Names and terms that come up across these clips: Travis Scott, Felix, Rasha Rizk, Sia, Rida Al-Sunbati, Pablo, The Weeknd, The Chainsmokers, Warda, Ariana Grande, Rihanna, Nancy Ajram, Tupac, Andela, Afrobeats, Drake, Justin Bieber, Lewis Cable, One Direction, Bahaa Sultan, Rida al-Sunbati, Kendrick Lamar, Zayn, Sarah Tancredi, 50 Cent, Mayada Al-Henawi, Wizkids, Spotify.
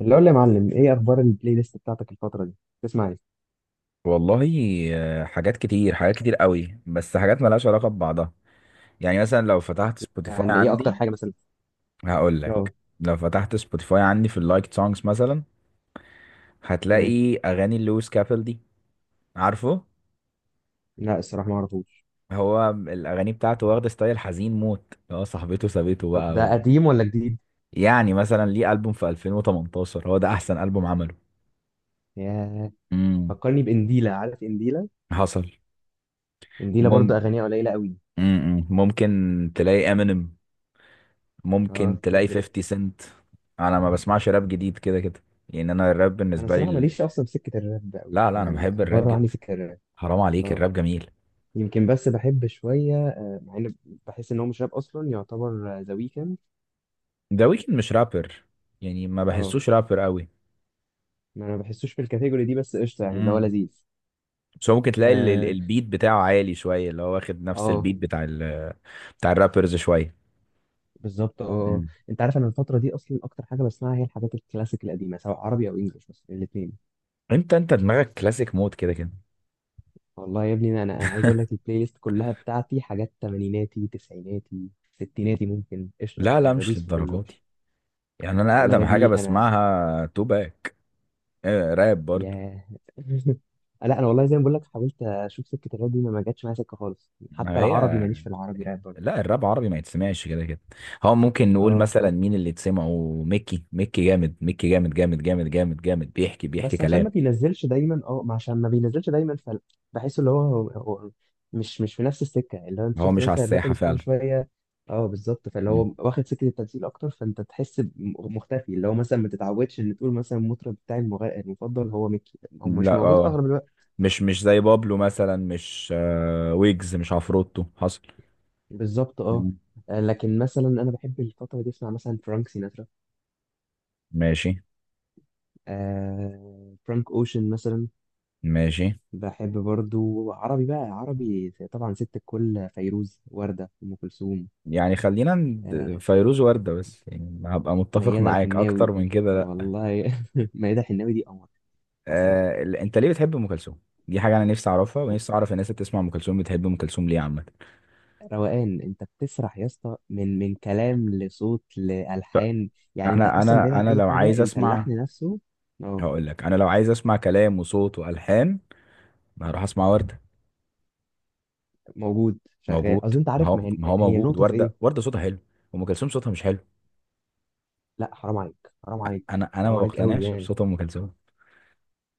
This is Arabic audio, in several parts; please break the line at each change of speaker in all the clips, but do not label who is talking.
اللي اقول لي يا معلم، ايه اخبار البلاي ليست بتاعتك الفتره دي؟ بتسمع ايه؟
والله، حاجات كتير حاجات كتير قوي، بس حاجات ملهاش علاقة ببعضها. يعني مثلا لو فتحت سبوتيفاي
يعني ايه اكتر
عندي،
حاجه مثلا؟
هقول لك.
اه.
لو فتحت سبوتيفاي عندي في اللايك سونجز مثلا،
تمام.
هتلاقي اغاني لويس كابل دي. عارفه؟
لا الصراحه ما اعرفوش.
هو الاغاني بتاعته واخده ستايل حزين موت، هو صاحبته سابته
طب
بقى
ده
و
قديم ولا جديد؟
يعني مثلا ليه البوم في 2018 هو ده احسن البوم عمله.
ياه.
امم
فكرني بانديلا، عارف انديلا؟
حصل.
انديلا
مم.
برضه اغانيها قليله قوي.
مم. مم. ممكن تلاقي امينيم، ممكن
اه طب
تلاقي
ده.
50 سنت. انا ما بسمعش راب جديد كده كده. يعني انا الراب
انا
بالنسبه لي
الصراحه ماليش اصلا في سكه الراب قوي،
لا، لا انا
يعني
بحب الراب
بره عني
جدا.
سكه الراب.
حرام عليك،
اه
الراب جميل.
يمكن بس بحب شويه، مع ان بحس ان هو مش راب اصلا، يعتبر ذا ويكند.
ذا ويكند مش رابر، يعني ما
اه
بحسوش رابر قوي.
ما انا ما بحسوش في الكاتيجوري دي، بس قشطه يعني اللي هو
امم
لذيذ.
بس هو ممكن تلاقي
اه
البيت بتاعه عالي شويه، اللي هو واخد نفس
آه.
البيت بتاع الرابرز شويه.
بالظبط اه آه.
مم.
انت عارف انا الفتره دي اصلا اكتر حاجه بسمعها هي الحاجات الكلاسيك القديمه، سواء عربي او انجلش، بس الاثنين.
انت دماغك كلاسيك مود كده كده.
والله يا ابني انا انا أنا عايز اقول لك البلاي ليست كلها بتاعتي حاجات تمانيناتي، تسعيناتي، ستيناتي ممكن، قشطه
لا، لا
انا
مش
بدوس في كله.
للدرجات دي. يعني انا
والله يا
اقدم حاجه
ابني انا
بسمعها توباك. آه، راب برضو.
يا لا انا والله زي ما بقول لك حاولت اشوف سكه الراب دي، ما جاتش معايا سكه خالص، حتى
ما
العربي
هي.
ماليش في العربي راب برضه.
لا، الراب عربي ما يتسمعش كده كده. هو ممكن نقول
اه
مثلا مين اللي تسمعه. ميكي، ميكي جامد. ميكي جامد جامد جامد جامد جامد، بيحكي بيحكي
بس عشان
كلام.
ما بينزلش دايما، اه ما عشان ما بينزلش دايما فبحس اللي هو، هو هو مش في نفس السكه، اللي هو انت
هو
شفت
مش على
مثلا
الساحة
الرابرز
فعلا.
كل شويه. اه بالظبط، فاللي
مم.
هو واخد سكه التمثيل اكتر، فانت تحس مختفي، اللي هو مثلا ما تتعودش ان تقول مثلا المطرب بتاعي المفضل هو ميكي، هو مش
لا،
موجود
اه.
اغلب الوقت.
مش زي بابلو مثلا، مش ويجز، مش عفروتو. حصل.
بالظبط اه
مم.
لكن مثلا انا بحب الفتره دي اسمع مثلا فرانك سيناترا،
ماشي.
آه فرانك اوشن مثلا.
ماشي.
بحب برضو عربي، بقى عربي طبعا ست الكل فيروز، وردة، أم كلثوم،
يعني خلينا
آه،
فيروز وردة بس، يعني هبقى متفق
ميادة
معاك اكتر
الحناوي.
من كده، لا.
والله ميادة الحناوي دي قمر، عسل.
آه، انت ليه بتحب ام كلثوم؟ دي حاجة انا نفسي اعرفها، ونفسي اعرف الناس اللي بتسمع ام كلثوم بتحب ام كلثوم ليه عامة.
روقان، انت بتسرح يا اسطى من كلام لصوت لألحان، يعني انت
انا
اصلا بعيد
انا
عن
انا
اي
لو
حاجة،
عايز
انت
اسمع،
اللحن نفسه. اه
هقول لك. انا لو عايز اسمع كلام وصوت والحان، ما هروح اسمع ورده.
موجود شغال،
موجود،
قصدي انت
ما
عارف ما
هو
هي
ما هو
هي
موجود
النقطة في ايه.
ورده، ورده صوتها حلو. ام كلثوم صوتها مش حلو.
لا حرام عليك حرام عليك
انا ما
حرام عليك قوي
بقتنعش
يعني.
بصوت ام كلثوم.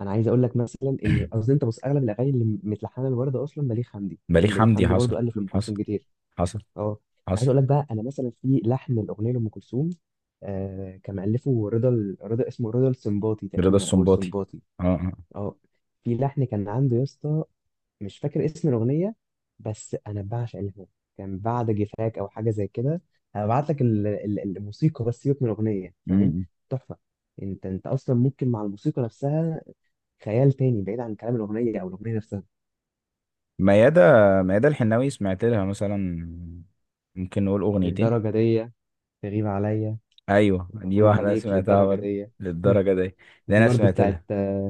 انا عايز اقول لك مثلا ان قصدي انت بص اغلب الاغاني اللي متلحنه لوردة اصلا بليغ حمدي،
بليغ
فاهم؟ بليغ
حمدي،
حمدي
حصل.
برضو الف لام
حصل.
كلثوم كتير.
حصل.
اه انا عايز
حصل.
اقول لك بقى انا مثلا في لحن الاغنيه لام كلثوم، كان مؤلفه رضا رضا، اسمه رضا السنباطي
رضا
تقريبا، او
السنباطي.
السنباطي.
اه، اه.
اه في لحن كان عنده يا اسطى، مش فاكر اسم الاغنيه، بس انا بعشق اللحن ده. كان بعد جفاك او حاجه زي كده. هبعت لك الموسيقى بس، سيبك من الاغنيه، فاهم.
أمم.
تحفه. انت انت اصلا ممكن مع الموسيقى نفسها خيال تاني بعيد عن كلام الاغنيه او الاغنيه نفسها.
ميادة ميادة الحناوي سمعت لها مثلا، ممكن نقول اغنيتين.
للدرجه دي، تغيب عليا،
ايوه، دي
وهنا
واحده
عليك
سمعتها
للدرجه
برضه.
دي.
للدرجه دي. دي
وفي
انا
برضه
سمعت
بتاعت
لها.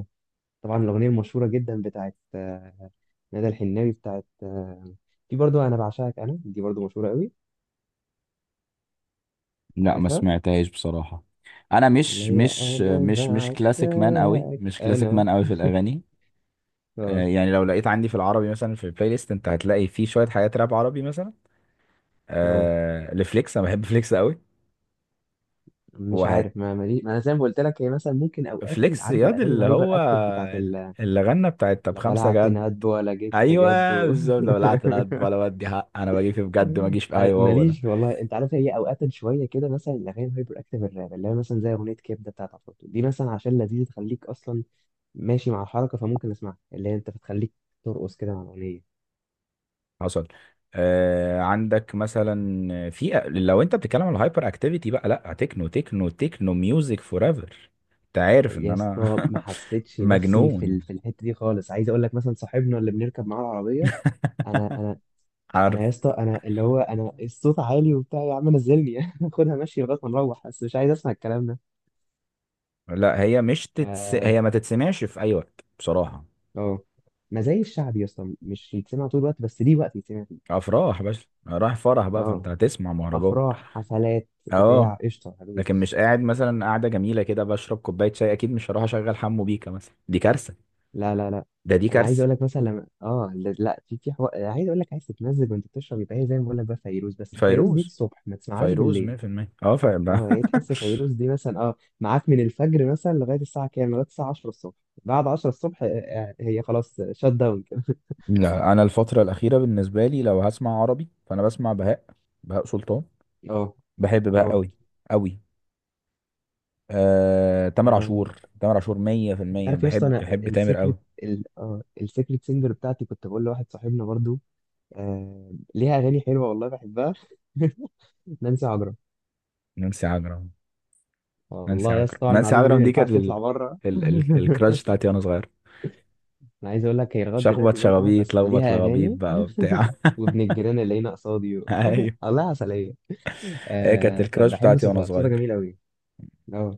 طبعا الأغنية المشهورة جدا بتاعت ندى الحناوي بتاعت في برضه أنا بعشقك أنا، دي برضه مشهورة قوي.
لا، ما
عارفها؟
سمعتهاش بصراحة. انا
اللي
مش
هي
مش
أنا
مش مش كلاسيك مان قوي،
بعشقك
مش كلاسيك
أنا.
مان قوي في الاغاني. آه،
اه
يعني لو لقيت عندي في العربي مثلا في البلاي ليست، انت هتلاقي فيه شوية حاجات راب عربي مثلا.
اه
آه، لفليكس، انا بحب فليكس قوي.
مش
وهت
عارف ما مالي، ما أنا زي ما قلت لك، هي مثلا ممكن أوقات
فليكس
عارف
ياض
الأغاني
اللي
الهايبر
هو
أكتف بتاعت
اللي غنى بتاعت طب
لا
خمسة
بلعت
جد.
ندب ولا جيت في جد
ايوه بالظبط، لو بلعت انا، ولا ودي حق، انا بجي في بجد ما اجيش في، ايوه هو ده.
ماليش والله، انت عارف هي اوقات شويه كده مثلا الاغاني الهايبر اكتيف الراب، اللي هي مثلا زي اغنيه كبده بتاعت عفروتو دي مثلا، عشان لذيذه تخليك اصلا ماشي مع الحركه، فممكن اسمعها، اللي هي انت بتخليك ترقص كده مع الاغنيه.
حصل. آه عندك مثلا، في لو انت بتتكلم على الهايبر اكتيفيتي بقى، لا، تكنو تكنو تكنو ميوزك فور ايفر. انت عارف ان
يا
انا
اسطى ما حسيتش نفسي في
مجنون.
في الحته دي خالص، عايز اقول لك مثلا صاحبنا اللي بنركب معاه العربيه. انا انا انا يا
عارف.
اسطى، انا اللي هو انا الصوت عالي وبتاع، يا عم نزلني خدها ماشي لغايه ما نروح، بس مش عايز اسمع الكلام ده.
لا، هي مش
ف
تتس... هي ما تتسمعش في اي وقت بصراحة.
اه ما زي الشعب يا اسطى، مش يتسمع طول الوقت، بس ليه وقت يتسمع فيه.
افراح، بس رايح فرح بقى فانت
اه
هتسمع مهرجان.
افراح حفلات
اه.
بتاع، قشطه
لكن
هدوس.
مش قاعد مثلا قاعدة جميلة كده بشرب كوباية شاي، اكيد مش هروح اشغل حمو بيكا مثلا، دي كارثة.
لا لا لا.
دي
انا عايز
كارثة.
اقول لك مثلا لما اه، لا لا، في في عايز اقول لك عايز تتمزج وانت بتشرب، يبقى هي زي ما بقول لك بقى فيروز، بس الفيروز دي
فيروز،
الصبح، ما تسمعهاش
فيروز
بالليل.
100%. اه، فاهم.
اه هي تحس فيروز دي مثلا اه معاك من الفجر مثلا لغايه الساعه كام، لغايه الساعه 10 الصبح، بعد 10 الصبح هي خلاص شات داون كده.
لا، انا الفتره الاخيره بالنسبه لي، لو هسمع عربي فانا بسمع بهاء. بهاء سلطان.
اه
بحب بهاء
اه
قوي. قوي. تامر
انا.
عاشور، تامر عاشور
انت
100%،
عارف يا اسطى
بحب
انا
بحب تامر قوي.
السيكريت اه السيكريت سينجر بتاعتي، كنت بقول لواحد صاحبنا برضو، ليها اغاني حلوه والله بحبها. نانسي عجرم.
نانسي عجرم. نانسي
والله يا اسطى
عجرم.
طبعا
نانسي
المعلومه دي
عجرم
ما
دي كانت
ينفعش تطلع بره.
الكراش بتاعتي وانا صغير.
انا عايز اقول لك هي لغايه
شخبط
دلوقتي زي القمر،
شخابيط
بس
لخبط
ليها
لغابيط
اغاني،
بقى وبتاع.
وابن الجيران اللي هنا قصادي
ايوه،
الله عسليه،
هي كانت
آه
الكراش
بحب
بتاعتي وانا
صوتها، صوتها
صغير.
جميل قوي. اه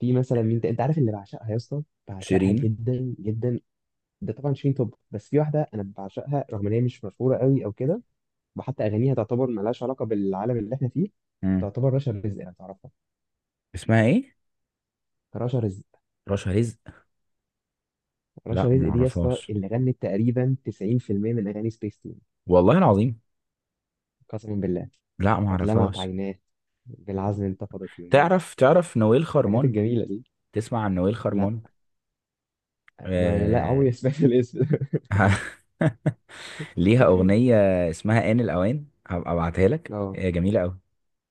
في مثلا مين انت عارف اللي بعشقها يا اسطى، بعشقها
شيرين.
جدا جدا. ده طبعا شين توب، بس في واحده انا بعشقها رغم ان هي مش مشهوره قوي او كده، وحتى اغانيها تعتبر ملهاش علاقه بالعالم اللي احنا فيه.
مم.
تعتبر رشا رزق، انا تعرفها؟
اسمها ايه؟
رشا رزق.
رشا رزق. لا،
رشا
ما
رزق دي يا اسطى
اعرفهاش.
اللي غنت تقريبا 90% من اغاني سبيس.
والله العظيم.
قسما بالله.
لا، ما
قد لمعت
اعرفهاش.
عيناه، بالعزم انتفضت يمناه،
تعرف نويل
الحاجات
خرمون؟
الجميلة دي.
تسمع عن نويل
لا
خرمون؟
ما لا
آه.
عمري سمعت الاسم.
ليها أغنية اسمها آن الأوان، هبقى أبعتها لك،
اه
هي جميلة أوي.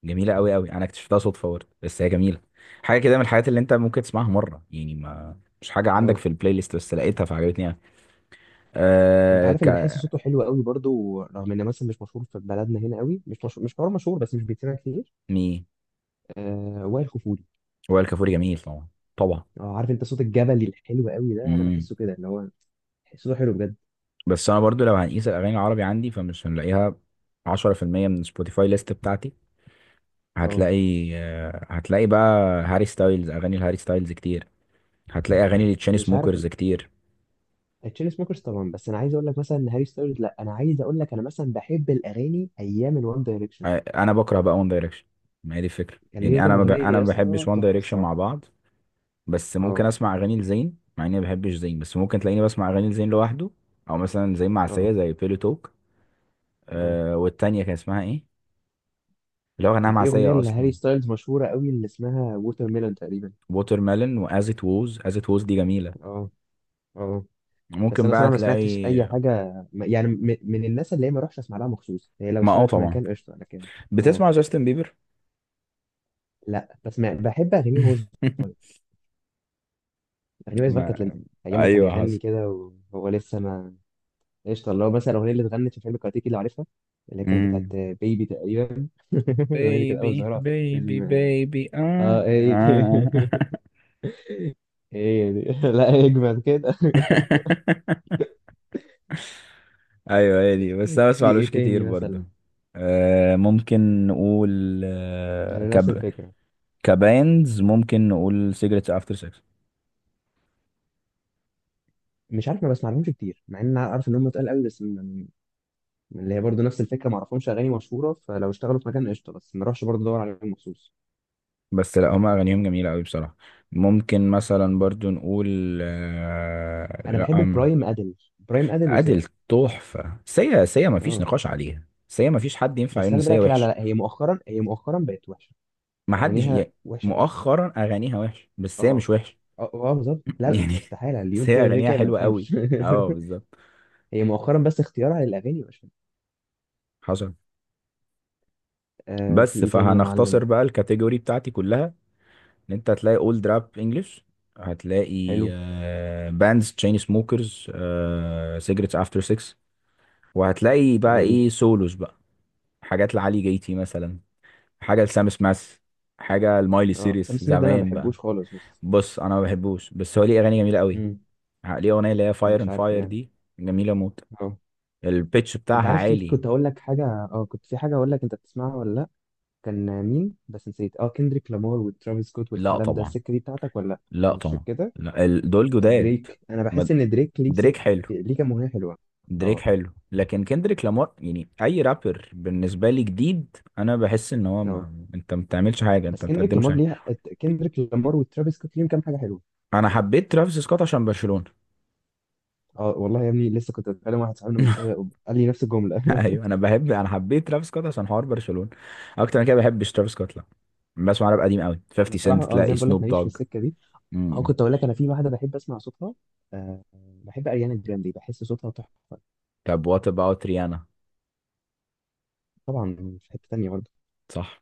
جميلة أوي أوي. أنا اكتشفتها صدفة برضه، بس هي جميلة. حاجة كده من الحاجات اللي أنت ممكن تسمعها مرة، يعني ما مش حاجة عندك
اه.
في البلاي ليست، بس لقيتها فعجبتني يعني.
انت
أه
عارف
ك
اللي بحس صوته حلو قوي برضو، رغم انه مثلا مش مشهور في بلدنا هنا قوي، مش مشهور، مش حوار مشهور بس مش بيتسمع كتير.
مي
آه وائل كفوري.
وائل كفوري جميل طبعا. طبعا.
اه، عارف انت صوت الجبلي الحلو قوي ده؟ انا
امم
بحسه كده، اللي هو صوته حلو بجد.
بس أنا برضو لو هنقيس الأغاني العربي عندي فمش هنلاقيها 10% من سبوتيفاي ليست بتاعتي.
اه
هتلاقي. آه، هتلاقي بقى هاري ستايلز، أغاني الهاري ستايلز كتير. هتلاقي اغاني لتشين
مش عارف.
سموكرز كتير.
تشين سموكرز طبعا، بس انا عايز اقول لك مثلا ان هاري ستايلز، لا انا عايز اقول لك انا مثلا بحب الاغاني ايام الوان دايركشن،
انا بكره بقى وان دايركشن. ما هي دي الفكره،
كان ليهم
يعني
كام اغنيه
انا
يا
ما
اسطى
بحبش وان
تحفه
دايركشن مع
الصراحه.
بعض. بس ممكن
اه
اسمع اغاني لزين، مع اني ما بحبش زين، بس ممكن تلاقيني بسمع اغاني لزين لوحده. او مثلا زين معسيه
اه
زي بيلو توك.
اه
آه، والتانيه كان اسمها ايه، اللي هو غناها
كان في اغنيه
معسيه اصلا.
لهاري ستايلز مشهوره قوي اللي اسمها ووتر ميلون تقريبا.
ووتر ميلون، واز ات ووز از ات ووز، دي جميله.
اه اه بس
ممكن
انا
بقى
صراحه ما سمعتش
تلاقي.
اي حاجه يعني من الناس اللي هي ما اروحش اسمع لها مخصوص، هي لو
ما
اشتغلت في
طبعا.
مكان قشطه، لكن اه.
بتسمع جاستن بيبر؟
لا بس ما بحب اغانيه وهو صغير، اغانيه وهو صغير كانت
ما
لذيذه، ايام ما كان
ايوه،
بيغني كده وهو لسه ما. قشطه اللي هو مثلا الاغنيه اللي اتغنت في فيلم كاراتيكي، اللي عارفها؟ اللي
حصل.
كانت بتاعت بيبي تقريبا. الاغنيه دي كانت اول
بيبي
ظاهره في
بيبي
فيلم.
بيبي، آه.
اه ايه
آه.
ايه دي لا اجمل كده.
ايوه، هي دي، بس انا
في
بسمعلوش
ايه
كتير
تاني
برضه.
مثلا؟
ممكن نقول
انا نفس الفكره،
كباندز، ممكن نقول سيجرتس افتر سكس.
مش عارف ما بسمعلهمش كتير، مع ان انا عارف ان هم تقال قوي، بس من من اللي هي برضه نفس الفكره، ما اعرفهمش اغاني مشهوره فلو اشتغلوا في مكان قشطه، بس ما اروحش برضه ادور عليهم مخصوص.
بس لا، هما اغانيهم جميله قوي بصراحه. ممكن مثلا برضو نقول،
انا
لا،
بحب برايم ادل، برايم ادل
ادل.
وسيا.
تحفه. سيا، سيا ما فيش
اه
نقاش عليها. سيا ما فيش حد ينفع
بس
يقول ان
خلي
سيا
بالك، لا لا
وحش.
لا، هي مؤخرا، هي مؤخرا بقت وحشه،
ما حدش
اغانيها
يعني.
وحشه قوي.
مؤخرا اغانيها وحش، بس سيا مش
اه
وحش.
اه بالظبط، لا لا،
يعني.
استحاله اللي
بس
يقول
هي
كده غير
اغانيها
كده ما
حلوه قوي.
يفهمش.
اه بالظبط.
هي مؤخرا بس اختيارها للاغاني مش حلو.
حصل.
آه في
بس
ايه تاني يا معلم؟
فهنختصر بقى الكاتيجوري بتاعتي كلها. ان انت هتلاقي اولد راب انجلش. هتلاقي
حلو.
باندز، تشين سموكرز، سيجرتس افتر 6. وهتلاقي بقى
جميل.
ايه، سولوز بقى. حاجات لعلي جيتي مثلا، حاجه لسام سماث، حاجه لمايلي
اه سام
سيريس
سميث ده انا ما
زمان بقى.
بحبوش خالص بس.
بص، انا ما بحبوش، بس هو ليه اغاني جميله قوي.
امم.
ليه اغنيه اللي هي فاير
مش
اند
عارف
فاير
يعني.
دي، جميله موت.
اه.
البيتش
انت
بتاعها
عارف في
عالي.
كنت اقول لك حاجه، اه كنت في حاجه اقول لك انت بتسمعها ولا لا، كان مين بس نسيت، اه كندريك لامار وترافيس سكوت
لا،
والكلام ده،
طبعا.
السكه دي بتاعتك ولا لا؟
لا،
مش
طبعا.
كده؟
لا، دول
طب
جداد.
دريك؟ انا
ما-
بحس ان دريك ليه
دريك
سكه،
حلو.
ليه كام اغنيه حلوه.
دريك
اه
حلو، لكن كندريك لامار، يعني اي رابر بالنسبه لي جديد، انا بحس ان هو
اه.
ما... انت ما بتعملش حاجه، انت
بس
ما
كندريك
بتقدمش
لامار
حاجه.
ليه، كندريك لامار وترافيس سكوت ليهم كام حاجه حلوه.
انا حبيت ترافيس سكوت عشان برشلونه.
اه والله يا ابني لسه كنت بتكلم واحد صاحبنا من شويه، قال لي نفس الجمله.
ايوه، انا انا حبيت ترافيس سكوت عشان حوار برشلونه. اكتر من كده ما بحبش ترافيس سكوت، لا. بسمع راب قديم قوي،
انا
50 سنت،
بصراحه اه زي
تلاقي
ما بقول لك
سنوب
ماليش في
دوج.
السكه دي. اه
امم
كنت اقول لك انا في واحده بحب اسمع صوتها، أه بحب اريانا جراندي، بحس صوتها تحفه.
طب وات اباوت ريانا؟
طبعا في حته تانيه برضه.
صح.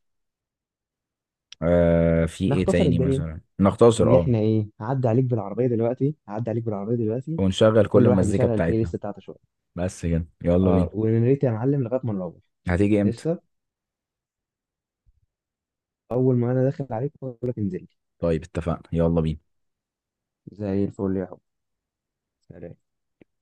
آه، في ايه
نختصر
تاني
الدنيا،
مثلا نختصر
ان
اه
احنا ايه، هعدي عليك بالعربيه دلوقتي، هعدي عليك بالعربيه دلوقتي،
ونشغل كل
وكل واحد
المزيكا
يشغل البلاي
بتاعتنا.
ليست بتاعته شويه.
بس كده، يلا
اه
بينا.
ونريت يا معلم لغايه ما نروح.
هتيجي امتى؟
قشطه. اول ما انا داخل عليك بقول لك انزل لي.
طيب اتفقنا، يلا بينا.
زي الفل يا حب. سلام.